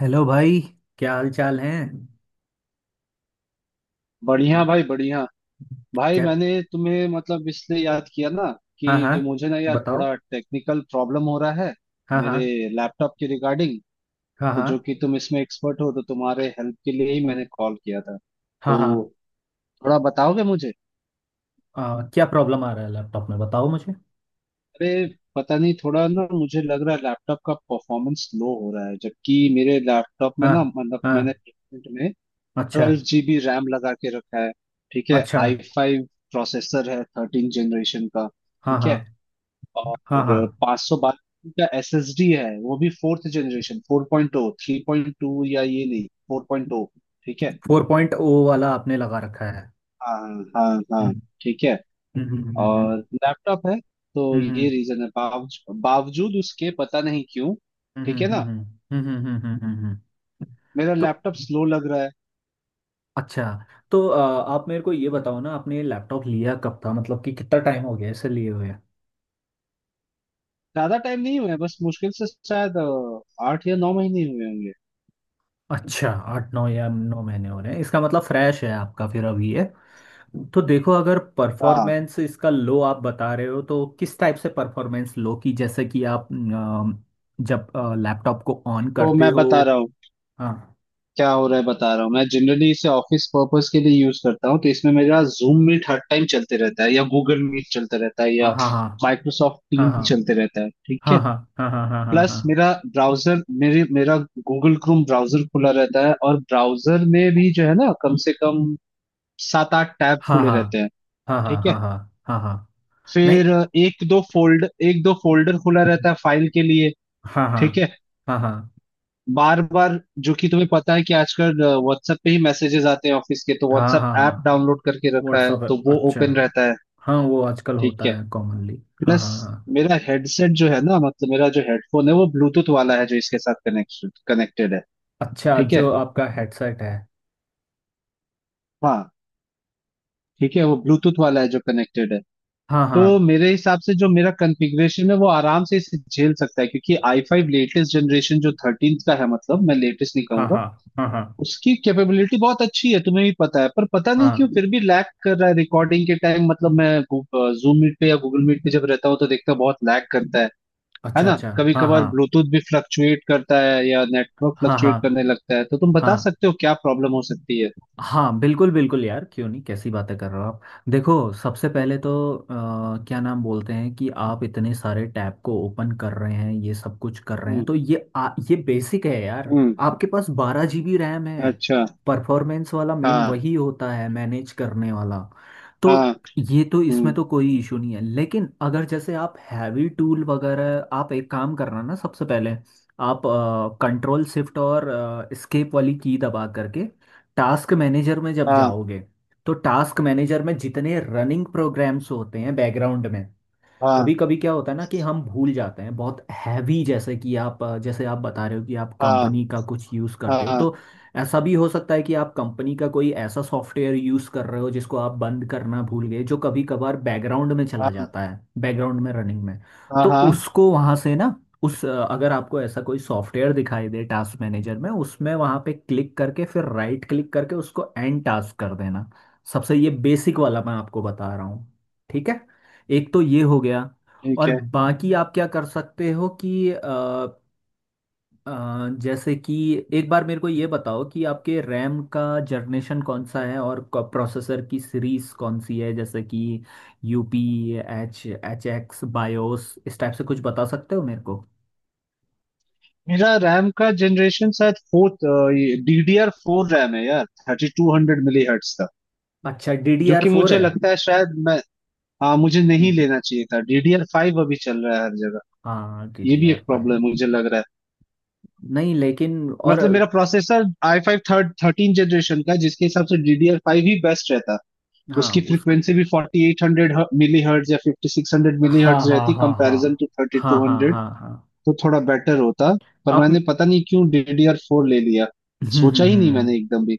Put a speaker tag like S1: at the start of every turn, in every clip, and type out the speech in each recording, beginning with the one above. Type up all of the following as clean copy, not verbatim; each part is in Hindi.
S1: हेलो भाई, क्या हाल चाल है?
S2: बढ़िया भाई बढ़िया। भाई
S1: क्या?
S2: मैंने तुम्हें मतलब इसलिए याद किया ना
S1: हाँ हाँ,
S2: कि मुझे ना यार
S1: बताओ।
S2: थोड़ा टेक्निकल प्रॉब्लम हो रहा है
S1: हाँ
S2: मेरे
S1: हाँ,
S2: लैपटॉप के रिगार्डिंग।
S1: हाँ
S2: तो जो
S1: हाँ,
S2: कि तुम इसमें एक्सपर्ट हो तो तुम्हारे हेल्प के लिए ही मैंने कॉल किया था,
S1: हाँ हाँ,
S2: तो थोड़ा बताओगे मुझे।
S1: हाँ, क्या प्रॉब्लम आ रहा है लैपटॉप में, बताओ मुझे।
S2: अरे पता नहीं, थोड़ा ना मुझे लग रहा है लैपटॉप का परफॉर्मेंस लो हो रहा है, जबकि मेरे लैपटॉप में ना
S1: हाँ
S2: मतलब मैंने
S1: हाँ।
S2: प्लेसमेंट में
S1: अच्छा।
S2: 12 जीबी रैम लगा के रखा है। ठीक है,
S1: अच्छा।
S2: आई फाइव प्रोसेसर है 13 जनरेशन का।
S1: हाँ
S2: ठीक है।
S1: हाँ। हाँ
S2: और
S1: हाँ।
S2: 512 का एसएसडी है, वो भी fourth generation. Four point O, three point two, या ये नहीं, फोर पॉइंट ओ। ठीक है।
S1: फोर पॉइंट ओ वाला आपने लगा रखा है?
S2: हाँ, हाँ हाँ।
S1: हम्म
S2: ठीक है।
S1: हम्म।
S2: और लैपटॉप है तो ये
S1: हम्म
S2: रीजन है, बावजूद बावजूद उसके पता नहीं क्यों
S1: हम्म।
S2: ठीक है ना मेरा
S1: तो
S2: लैपटॉप स्लो लग रहा है।
S1: अच्छा, तो आप मेरे को ये बताओ ना, आपने लैपटॉप लिया कब था, मतलब कि कितना टाइम हो गया इसे लिए हुए?
S2: ज्यादा टाइम नहीं हुआ है, बस मुश्किल से शायद 8 या 9 महीने हुए होंगे।
S1: अच्छा, आठ नौ या नौ महीने हो रहे हैं, इसका मतलब फ्रेश है आपका फिर। अभी ये तो देखो, अगर
S2: हाँ,
S1: परफॉर्मेंस इसका लो आप बता रहे हो तो किस टाइप से परफॉर्मेंस लो की, जैसे कि आप जब लैपटॉप को ऑन
S2: को
S1: करते
S2: मैं
S1: हो।
S2: बता रहा हूँ
S1: हाँ
S2: क्या हो रहा है, बता रहा हूँ मैं। जनरली इसे ऑफिस पर्पस के लिए यूज करता हूँ, तो इसमें मेरा जूम मीट हर टाइम चलते रहता है, या गूगल मीट चलता रहता है,
S1: हाँ,
S2: या
S1: हाँ
S2: माइक्रोसॉफ्ट
S1: हाँ,
S2: टीम
S1: हाँ
S2: चलते रहता है। ठीक है।
S1: हाँ, हाँ हाँ, हाँ हाँ,
S2: प्लस
S1: हाँ
S2: मेरा ब्राउजर, मेरे मेरा गूगल क्रोम ब्राउजर खुला रहता है, और ब्राउजर में भी जो है ना कम से कम सात आठ टैब
S1: हाँ,
S2: खुले
S1: हाँ
S2: रहते हैं।
S1: हाँ, हाँ
S2: ठीक
S1: हाँ,
S2: है।
S1: हाँ हाँ, हाँ हाँ। नहीं।
S2: फिर एक दो फोल्डर खुला रहता है फाइल के लिए।
S1: हाँ हाँ,
S2: ठीक है।
S1: हाँ हाँ,
S2: बार बार, जो कि तुम्हें पता है कि आजकल व्हाट्सएप पे ही मैसेजेस आते हैं ऑफिस के, तो
S1: हाँ
S2: व्हाट्सएप
S1: हाँ,
S2: ऐप
S1: हाँ।
S2: डाउनलोड करके रखा है
S1: व्हाट्सअप।
S2: तो वो
S1: अच्छा।
S2: ओपन रहता है।
S1: हाँ वो आजकल
S2: ठीक
S1: होता
S2: है।
S1: है कॉमनली, हाँ
S2: प्लस
S1: हाँ हाँ।
S2: मेरा हेडसेट जो है ना, मतलब मेरा जो हेडफोन है वो ब्लूटूथ वाला है जो इसके साथ कनेक्टेड कनेक्टेड है।
S1: अच्छा,
S2: ठीक है।
S1: जो आपका हेडसेट है।
S2: हाँ। ठीक है, वो ब्लूटूथ वाला है जो कनेक्टेड है।
S1: हाँ
S2: तो
S1: हाँ,
S2: मेरे हिसाब से जो मेरा कॉन्फ़िगरेशन है वो आराम से इसे झेल सकता है, क्योंकि आई फाइव लेटेस्ट जनरेशन जो थर्टीन का है, मतलब मैं लेटेस्ट नहीं
S1: हाँ
S2: कहूंगा,
S1: हाँ, हाँ हाँ,
S2: उसकी कैपेबिलिटी बहुत अच्छी है, तुम्हें भी पता है। पर पता नहीं क्यों
S1: हाँ।
S2: फिर भी लैग कर रहा है रिकॉर्डिंग के टाइम, मतलब मैं जूम मीट पे या गूगल मीट पे जब रहता हूँ तो देखता हूँ बहुत लैग करता है
S1: अच्छा
S2: ना।
S1: अच्छा,
S2: कभी
S1: हाँ
S2: कभार
S1: हाँ,
S2: ब्लूटूथ भी फ्लक्चुएट करता है या नेटवर्क
S1: हाँ हाँ,
S2: फ्लक्चुएट करने लगता है, तो तुम बता
S1: हाँ
S2: सकते हो क्या प्रॉब्लम हो सकती है।
S1: हाँ। बिल्कुल बिल्कुल यार, क्यों नहीं, कैसी बातें कर रहे हो आप। देखो, सबसे
S2: हम्म।
S1: पहले तो क्या नाम बोलते हैं, कि आप इतने सारे टैब को ओपन कर रहे हैं, ये सब कुछ कर रहे हैं,
S2: हम्म।
S1: तो ये ये बेसिक है यार।
S2: हम्म,
S1: आपके पास बारह जीबी रैम है।
S2: अच्छा।
S1: परफॉर्मेंस वाला मेन
S2: हाँ,
S1: वही होता है, मैनेज करने वाला। तो
S2: हाँ।
S1: ये तो इसमें
S2: हम्म।
S1: तो कोई इशू नहीं है, लेकिन अगर जैसे आप हैवी टूल वगैरह, आप एक काम करना ना, सबसे पहले आप कंट्रोल शिफ्ट और एस्केप वाली की दबा करके टास्क मैनेजर में जब
S2: हाँ
S1: जाओगे, तो टास्क मैनेजर में जितने रनिंग प्रोग्राम्स होते हैं बैकग्राउंड में, कभी
S2: हाँ
S1: कभी क्या होता है ना कि हम भूल जाते हैं, बहुत हैवी जैसे कि आप जैसे आप बता रहे हो कि आप
S2: हाँ
S1: कंपनी का कुछ यूज़ करते हो, तो
S2: हाँ
S1: ऐसा भी हो सकता है कि आप कंपनी का कोई ऐसा सॉफ्टवेयर यूज़ कर रहे हो जिसको आप बंद करना भूल गए, जो कभी कभार बैकग्राउंड में चला
S2: हाँ
S1: जाता है, बैकग्राउंड में रनिंग में।
S2: हाँ
S1: तो
S2: हाँ,
S1: उसको वहाँ से ना, उस अगर आपको ऐसा कोई सॉफ्टवेयर दिखाई दे टास्क मैनेजर में, उसमें वहाँ पे क्लिक करके फिर राइट क्लिक करके उसको एंड टास्क कर देना। सबसे ये बेसिक वाला मैं आपको बता रहा हूँ, ठीक है। एक तो ये हो गया।
S2: ठीक
S1: और
S2: है।
S1: बाकी आप क्या कर सकते हो कि जैसे कि एक बार मेरे को ये बताओ कि आपके रैम का जनरेशन कौन सा है और प्रोसेसर की सीरीज कौन सी है, जैसे कि UP H H x BIOS, इस टाइप से कुछ बता सकते हो मेरे को।
S2: मेरा रैम का जनरेशन शायद फोर्थ, ये DDR4 फोर रैम है यार, 3200 मिली हर्ट्स का।
S1: अच्छा, डी डी
S2: जो
S1: आर
S2: कि
S1: फोर
S2: मुझे
S1: है।
S2: लगता है शायद मैं, हाँ, मुझे नहीं
S1: हम्म।
S2: लेना चाहिए था, DDR5 फाइव अभी चल रहा है हर जगह।
S1: हाँ डी
S2: ये
S1: डी
S2: भी
S1: आर
S2: एक
S1: फाइव।
S2: प्रॉब्लम मुझे लग रहा है,
S1: नहीं लेकिन और।
S2: मतलब मेरा processor I five third thirteen generation का है, जिसके हिसाब से DDR5 फाइव ही बेस्ट रहता।
S1: हाँ।
S2: उसकी
S1: उसके।
S2: फ्रीक्वेंसी भी 4800 मिली हर्ट्ज या 5600 मिली
S1: हाँ
S2: हर्ट्ज
S1: हाँ,
S2: रहती
S1: हाँ हाँ,
S2: कंपेरिजन टू थर्टी
S1: हाँ
S2: टू
S1: हाँ,
S2: हंड्रेड
S1: हाँ हाँ।
S2: तो थोड़ा बेटर होता। पर
S1: आप।
S2: मैंने पता नहीं क्यों DDR4 फोर ले लिया, सोचा ही नहीं
S1: हम्म।
S2: मैंने एकदम भी।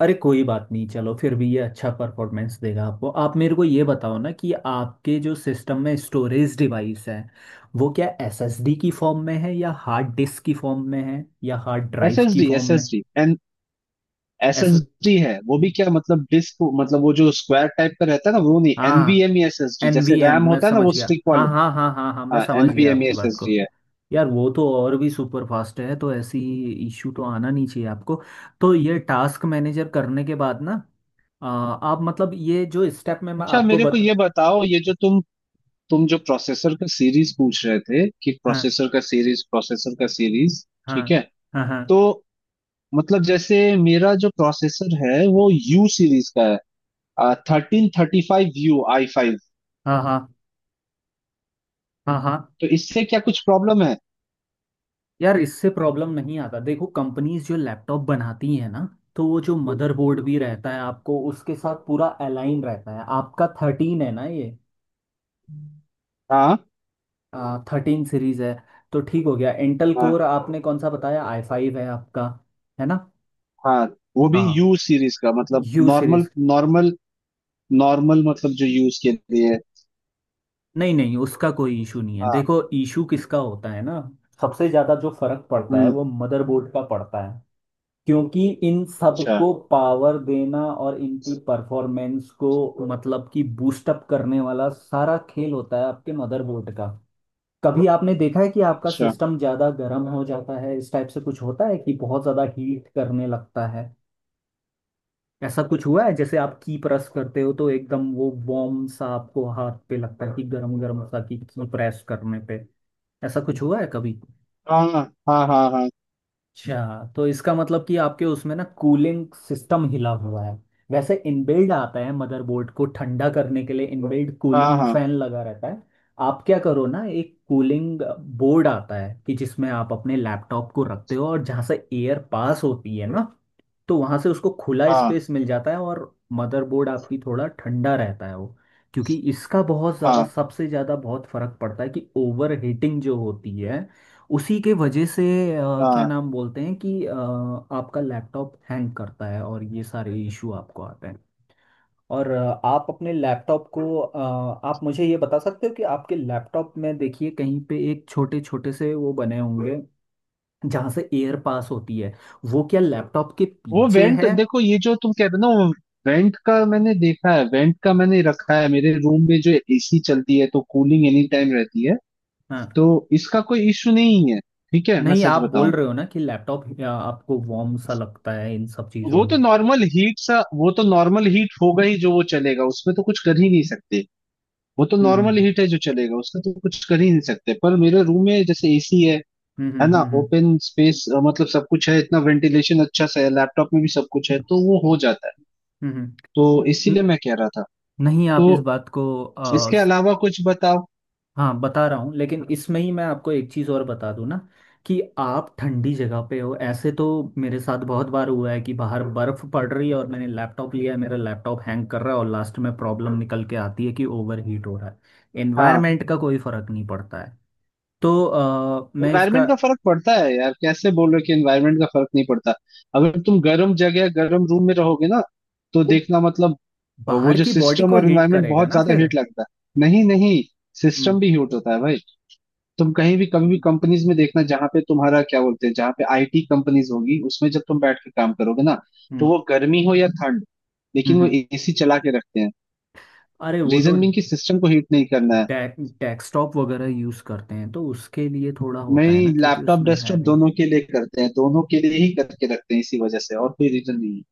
S1: अरे कोई बात नहीं, चलो फिर भी ये अच्छा परफॉर्मेंस देगा आपको। आप मेरे को ये बताओ ना कि आपके जो सिस्टम में स्टोरेज डिवाइस है, वो क्या एसएसडी की फॉर्म में है या हार्ड डिस्क की फॉर्म में है या हार्ड ड्राइव की फॉर्म
S2: एस
S1: में?
S2: S D N S
S1: S.
S2: S D है वो भी, क्या मतलब डिस्क, मतलब वो जो स्क्वायर टाइप का रहता है ना वो नहीं,
S1: हाँ
S2: एनवीएमई एस एस डी, जैसे
S1: एनवीएम,
S2: रैम
S1: मैं
S2: होता है ना
S1: समझ
S2: वो
S1: गया,
S2: स्टिक
S1: हाँ
S2: वाले।
S1: हाँ हाँ हाँ हाँ, मैं
S2: हाँ,
S1: समझ गया
S2: एनवीएमई
S1: आपकी
S2: एस
S1: बात
S2: एस
S1: को।
S2: डी है।
S1: यार वो तो और भी सुपर फास्ट है, तो ऐसी इश्यू तो आना नहीं चाहिए आपको। तो ये टास्क मैनेजर करने के बाद ना आप मतलब ये जो स्टेप में मैं
S2: अच्छा,
S1: आपको
S2: मेरे को
S1: बता।
S2: ये बताओ, ये जो तुम जो प्रोसेसर का सीरीज पूछ रहे थे कि
S1: हाँ,
S2: प्रोसेसर का सीरीज,
S1: हाँ
S2: ठीक है।
S1: हाँ, हाँ
S2: तो मतलब जैसे मेरा जो प्रोसेसर है वो यू सीरीज का है, 1335 यू आई फाइव।
S1: हाँ, हाँ हाँ, हाँ।
S2: तो इससे क्या कुछ प्रॉब्लम है?
S1: यार इससे प्रॉब्लम नहीं आता, देखो कंपनीज जो लैपटॉप बनाती है ना, तो वो जो मदरबोर्ड भी रहता है आपको उसके साथ पूरा अलाइन रहता है, आपका थर्टीन है ना ये,
S2: हाँ
S1: थर्टीन सीरीज है, तो ठीक हो गया। इंटेल कोर
S2: हाँ।
S1: आपने कौन सा बताया, आई फाइव है आपका, है ना?
S2: हाँ, वो भी
S1: हाँ,
S2: यू सीरीज का, मतलब
S1: U
S2: normal.
S1: Series.
S2: Normal, normal मतलब जो यूज के लिए है।
S1: नहीं नहीं, उसका कोई इशू नहीं है,
S2: हाँ।
S1: देखो इशू किसका होता है ना, सबसे ज़्यादा जो फर्क पड़ता है
S2: हम्म।
S1: वो मदरबोर्ड का पड़ता है, क्योंकि इन
S2: अच्छा।
S1: सबको पावर देना और इनकी परफॉर्मेंस को मतलब कि बूस्टअप करने वाला सारा खेल होता है आपके मदरबोर्ड का। कभी आपने देखा है कि आपका
S2: अच्छा।
S1: सिस्टम ज्यादा गर्म हो जाता है, इस टाइप से कुछ होता है कि बहुत ज्यादा हीट करने लगता है? ऐसा कुछ हुआ है जैसे आप की प्रेस करते हो तो एकदम वो वार्म सा आपको हाथ पे लगता है कि गर्म गर्म सा, की प्रेस करने पे? ऐसा कुछ हुआ है कभी?
S2: हाँ हाँ हाँ हाँ
S1: अच्छा, तो इसका मतलब कि आपके उसमें ना कूलिंग सिस्टम हिला हुआ है, वैसे इनबिल्ड आता है, मदरबोर्ड को ठंडा करने के लिए इनबिल्ड
S2: हाँ
S1: कूलिंग
S2: हाँ
S1: फैन लगा रहता है। आप क्या करो ना, एक कूलिंग बोर्ड आता है, कि जिसमें आप अपने लैपटॉप को रखते हो और जहाँ से एयर पास होती है ना, तो वहां से उसको खुला
S2: हाँ
S1: स्पेस मिल जाता है और मदरबोर्ड आपकी थोड़ा ठंडा रहता है वो। क्योंकि इसका बहुत ज़्यादा
S2: हाँ
S1: सबसे ज़्यादा बहुत फर्क पड़ता है कि ओवर हीटिंग जो होती है उसी के वजह से। अ,
S2: हाँ
S1: क्या
S2: हाँ।
S1: नाम बोलते हैं कि आपका लैपटॉप हैंग करता है और ये सारे इशू आपको आते हैं, और आप अपने लैपटॉप को आप मुझे ये बता सकते हो कि आपके लैपटॉप में देखिए कहीं पे एक छोटे छोटे से वो बने होंगे जहाँ से एयर पास होती है, वो क्या लैपटॉप के
S2: वो
S1: पीछे
S2: वेंट,
S1: है?
S2: देखो ये जो तुम कह रहे हो ना, वो वेंट का मैंने देखा है, वेंट का मैंने रखा है। मेरे रूम में जो एसी चलती है तो कूलिंग एनी टाइम रहती है,
S1: हाँ।
S2: तो इसका कोई इश्यू नहीं है। ठीक है, मैं
S1: नहीं
S2: सच
S1: आप बोल
S2: बताऊं,
S1: रहे हो ना कि लैपटॉप आपको वार्म सा लगता है इन सब चीज़ों
S2: वो
S1: में।
S2: तो नॉर्मल हीट सा, वो तो नॉर्मल हीट होगा ही, जो वो चलेगा उसमें तो कुछ कर ही नहीं सकते। वो तो नॉर्मल
S1: हम्म
S2: हीट है जो चलेगा, उसका तो कुछ कर ही नहीं सकते। पर मेरे रूम में जैसे एसी है
S1: हम्म
S2: है
S1: हम्म
S2: ना,
S1: हम्म
S2: ओपन स्पेस, मतलब सब कुछ है, इतना वेंटिलेशन अच्छा सा है, लैपटॉप में भी सब कुछ है, तो वो हो जाता है।
S1: हम्म,
S2: तो
S1: हम्म। न-
S2: इसीलिए
S1: न-
S2: मैं कह रहा था,
S1: नहीं
S2: तो
S1: आप इस बात को
S2: इसके अलावा कुछ बताओ।
S1: हाँ बता रहा हूँ, लेकिन इसमें ही मैं आपको एक चीज़ और बता दूँ ना कि आप ठंडी जगह पे हो ऐसे, तो मेरे साथ बहुत बार हुआ है कि बाहर बर्फ़ पड़ रही है और मैंने लैपटॉप लिया है, मेरा लैपटॉप हैंग कर रहा है और लास्ट में प्रॉब्लम निकल के आती है कि ओवर हीट हो रहा है,
S2: हाँ,
S1: एनवायरनमेंट का कोई फ़र्क नहीं पड़ता है। तो मैं इसका
S2: एनवायरमेंट का फर्क पड़ता है यार, कैसे बोल रहे हो कि एनवायरमेंट का फर्क नहीं पड़ता। अगर तुम गर्म जगह, गर्म रूम में रहोगे ना, तो
S1: वो,
S2: देखना, मतलब वो
S1: बाहर
S2: जो
S1: की बॉडी
S2: सिस्टम
S1: को
S2: और
S1: हीट
S2: एनवायरमेंट,
S1: करेगा
S2: बहुत
S1: ना
S2: ज्यादा
S1: फिर।
S2: हीट लगता है। नहीं नहीं, सिस्टम
S1: हम्म
S2: भी हीट होता है भाई। तुम कहीं भी कभी भी कंपनीज में देखना, जहां पे तुम्हारा क्या बोलते हैं, जहां पे आईटी कंपनीज होगी, उसमें जब तुम बैठ के काम करोगे ना, तो
S1: हम्म
S2: वो गर्मी हो या ठंड, लेकिन वो
S1: हम्म।
S2: एसी चला के रखते हैं,
S1: अरे वो तो
S2: रीजन बीइंग कि सिस्टम को हीट नहीं करना है।
S1: डे, डेस्कटॉप वगैरह यूज करते हैं तो उसके लिए थोड़ा
S2: मैं
S1: होता है ना, क्योंकि
S2: लैपटॉप
S1: उसमें है
S2: डेस्कटॉप
S1: भी।
S2: दोनों के लिए करते हैं, दोनों के लिए ही करके रखते हैं, इसी वजह से, और कोई रीजन नहीं है।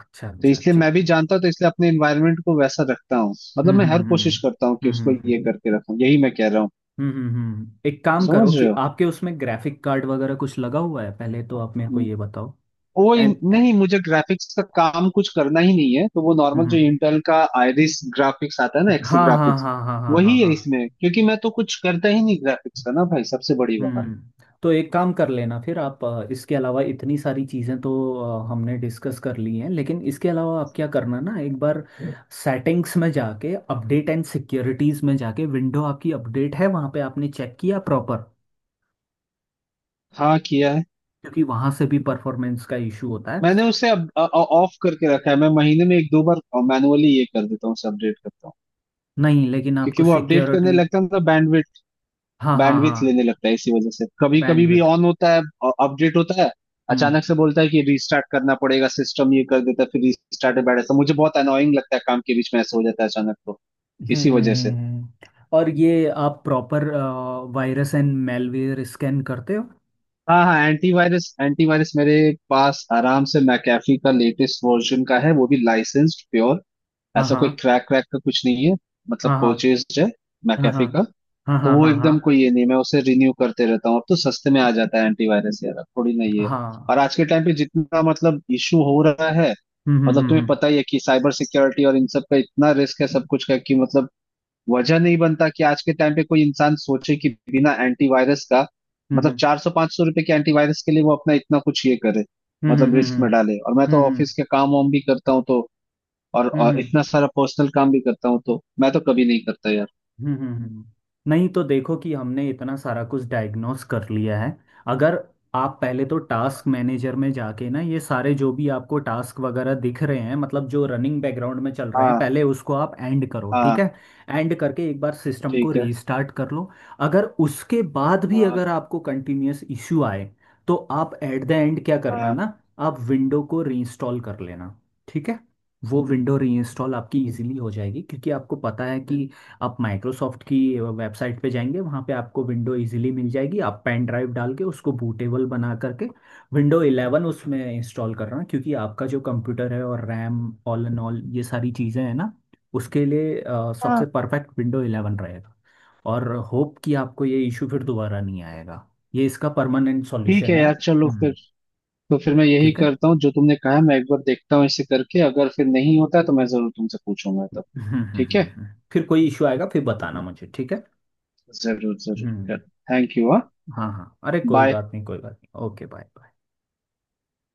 S1: अच्छा
S2: तो
S1: अच्छा
S2: इसलिए
S1: अच्छा
S2: मैं भी
S1: अच्छा।
S2: जानता हूँ, तो इसलिए अपने एनवायरनमेंट को वैसा रखता हूँ, मतलब
S1: हम्म
S2: मैं हर
S1: हम्म हम्म
S2: कोशिश करता हूँ
S1: हम्म हम्म
S2: कि उसको
S1: हम्म, हम्म, हम्म।
S2: ये करके रखूं, यही मैं कह रहा हूँ।
S1: एक काम
S2: समझ
S1: करो कि
S2: रहे
S1: आपके उसमें ग्राफिक कार्ड वगैरह कुछ लगा हुआ है पहले, तो आप मेरे को
S2: हो,
S1: ये बताओ। एंड।
S2: नहीं, मुझे ग्राफिक्स का काम कुछ करना ही नहीं है, तो वो नॉर्मल जो
S1: हम्म।
S2: इंटेल का आयरिस ग्राफिक्स आता है ना, एक्सी
S1: हाँ हाँ,
S2: ग्राफिक्स
S1: हाँ हाँ, हाँ हाँ,
S2: वही है
S1: हाँ।
S2: इसमें, क्योंकि मैं तो कुछ करता ही नहीं ग्राफिक्स का ना भाई, सबसे बड़ी बात।
S1: हम्म, तो एक काम कर लेना फिर। आप इसके अलावा इतनी सारी चीज़ें तो हमने डिस्कस कर ली हैं, लेकिन इसके अलावा आप क्या करना ना, एक बार सेटिंग्स में जाके अपडेट एंड सिक्योरिटीज़ में जाके विंडो आपकी अपडेट है वहाँ पे, आपने चेक किया प्रॉपर?
S2: हाँ, किया है।
S1: क्योंकि वहाँ से भी परफॉर्मेंस का इशू होता है।
S2: मैंने उसे अब ऑफ करके रखा है, मैं महीने में एक दो बार मैनुअली ये कर देता हूँ, उसे अपडेट करता हूँ,
S1: नहीं लेकिन
S2: क्योंकि
S1: आपको
S2: वो अपडेट करने
S1: सिक्योरिटी।
S2: लगता है ना,
S1: हाँ हाँ
S2: बैंडविथ
S1: हाँ।
S2: लेने लगता है, इसी वजह से कभी कभी भी
S1: बैंडविथ।
S2: ऑन होता है, अपडेट होता है,
S1: हम्म
S2: अचानक से बोलता है कि रीस्टार्ट करना पड़ेगा सिस्टम, ये कर देता है, फिर रीस्टार्ट में बैठ जाता है। मुझे बहुत अनोइंग लगता है, काम के बीच में ऐसा हो जाता है अचानक, तो
S1: हम्म
S2: इसी
S1: हम्म,
S2: वजह से।
S1: हम्म। और ये आप proper virus and malware scan करते हो?
S2: हाँ हाँ, एंटीवायरस एंटीवायरस मेरे पास आराम से मैकेफी का लेटेस्ट वर्जन का है, वो भी लाइसेंस्ड प्योर,
S1: हाँ
S2: ऐसा कोई
S1: हाँ,
S2: क्रैक क्रैक का कुछ नहीं है, मतलब
S1: हाँ हाँ,
S2: परचेज है
S1: हाँ हाँ,
S2: मैकेफी का।
S1: हाँ
S2: तो
S1: हाँ,
S2: वो
S1: हाँ हाँ,
S2: एकदम कोई ये नहीं, मैं उसे रिन्यू करते रहता हूँ, अब तो सस्ते में आ जाता है एंटीवायरस यार, अब थोड़ी नहीं है।
S1: हाँ।
S2: और आज के टाइम पे जितना मतलब इशू हो रहा है,
S1: हम्म
S2: मतलब
S1: हम्म
S2: तुम्हें
S1: हम्म
S2: पता ही है कि साइबर सिक्योरिटी और इन सब का इतना रिस्क है, सब कुछ का कि, मतलब वजह नहीं बनता कि आज के टाइम पे कोई इंसान सोचे कि बिना एंटीवायरस का, मतलब 400 500 रुपए के एंटीवायरस के लिए वो अपना इतना कुछ ये करे,
S1: हम्म हम्म
S2: मतलब
S1: हम्म
S2: रिस्क
S1: हम्म
S2: में डाले। और मैं
S1: हम्म हम्म हम्म हम्म
S2: तो
S1: हम्म, हम्म,
S2: ऑफिस के काम वाम भी करता हूँ तो, और,
S1: हम्म,
S2: और
S1: हम्म।
S2: इतना सारा पर्सनल काम भी करता हूँ, तो मैं तो कभी नहीं करता यार।
S1: हम्म हम्म, हम्म। नहीं तो देखो कि हमने इतना सारा कुछ डायग्नोस कर लिया है, अगर आप पहले तो टास्क मैनेजर में जाके ना ये सारे जो भी आपको टास्क वगैरह दिख रहे हैं, मतलब जो रनिंग बैकग्राउंड में चल रहे हैं,
S2: हाँ
S1: पहले उसको आप एंड करो, ठीक
S2: हाँ।
S1: है। एंड करके एक बार सिस्टम को
S2: ठीक है।
S1: रीस्टार्ट कर लो। अगर उसके बाद भी
S2: हाँ
S1: अगर आपको कंटिन्यूअस इश्यू आए, तो आप एट द एंड क्या करना
S2: हाँ
S1: ना, आप विंडो को रीइंस्टॉल कर लेना, ठीक है। वो विंडो रीइंस्टॉल आपकी इजीली हो जाएगी, क्योंकि आपको पता है कि आप माइक्रोसॉफ्ट की वेबसाइट पे जाएंगे, वहाँ पे आपको विंडो इजीली मिल जाएगी, आप पेन ड्राइव डाल के उसको बूटेबल बना करके विंडो 11 उसमें इंस्टॉल कर रहा हूँ, क्योंकि आपका जो कंप्यूटर है और रैम ऑल एंड ऑल ये सारी चीज़ें हैं ना, उसके लिए सबसे
S2: हाँ।
S1: परफेक्ट विंडो 11 रहेगा। और होप कि आपको ये इशू फिर दोबारा नहीं आएगा, ये इसका परमानेंट
S2: ठीक
S1: सॉल्यूशन
S2: है
S1: है।
S2: यार, चलो फिर
S1: हम्म,
S2: तो, फिर मैं यही
S1: ठीक है।
S2: करता हूँ जो तुमने कहा, मैं एक बार देखता हूँ इसे करके, अगर फिर नहीं होता है तो मैं जरूर तुमसे पूछूंगा तब। ठीक है,
S1: हम्म। फिर कोई इशू आएगा फिर बताना मुझे, ठीक है।
S2: जरूर जरूर।
S1: हम्म।
S2: Thank you. हाँ,
S1: हाँ हाँ, अरे कोई
S2: बाय।
S1: बात नहीं कोई बात नहीं, ओके बाय बाय।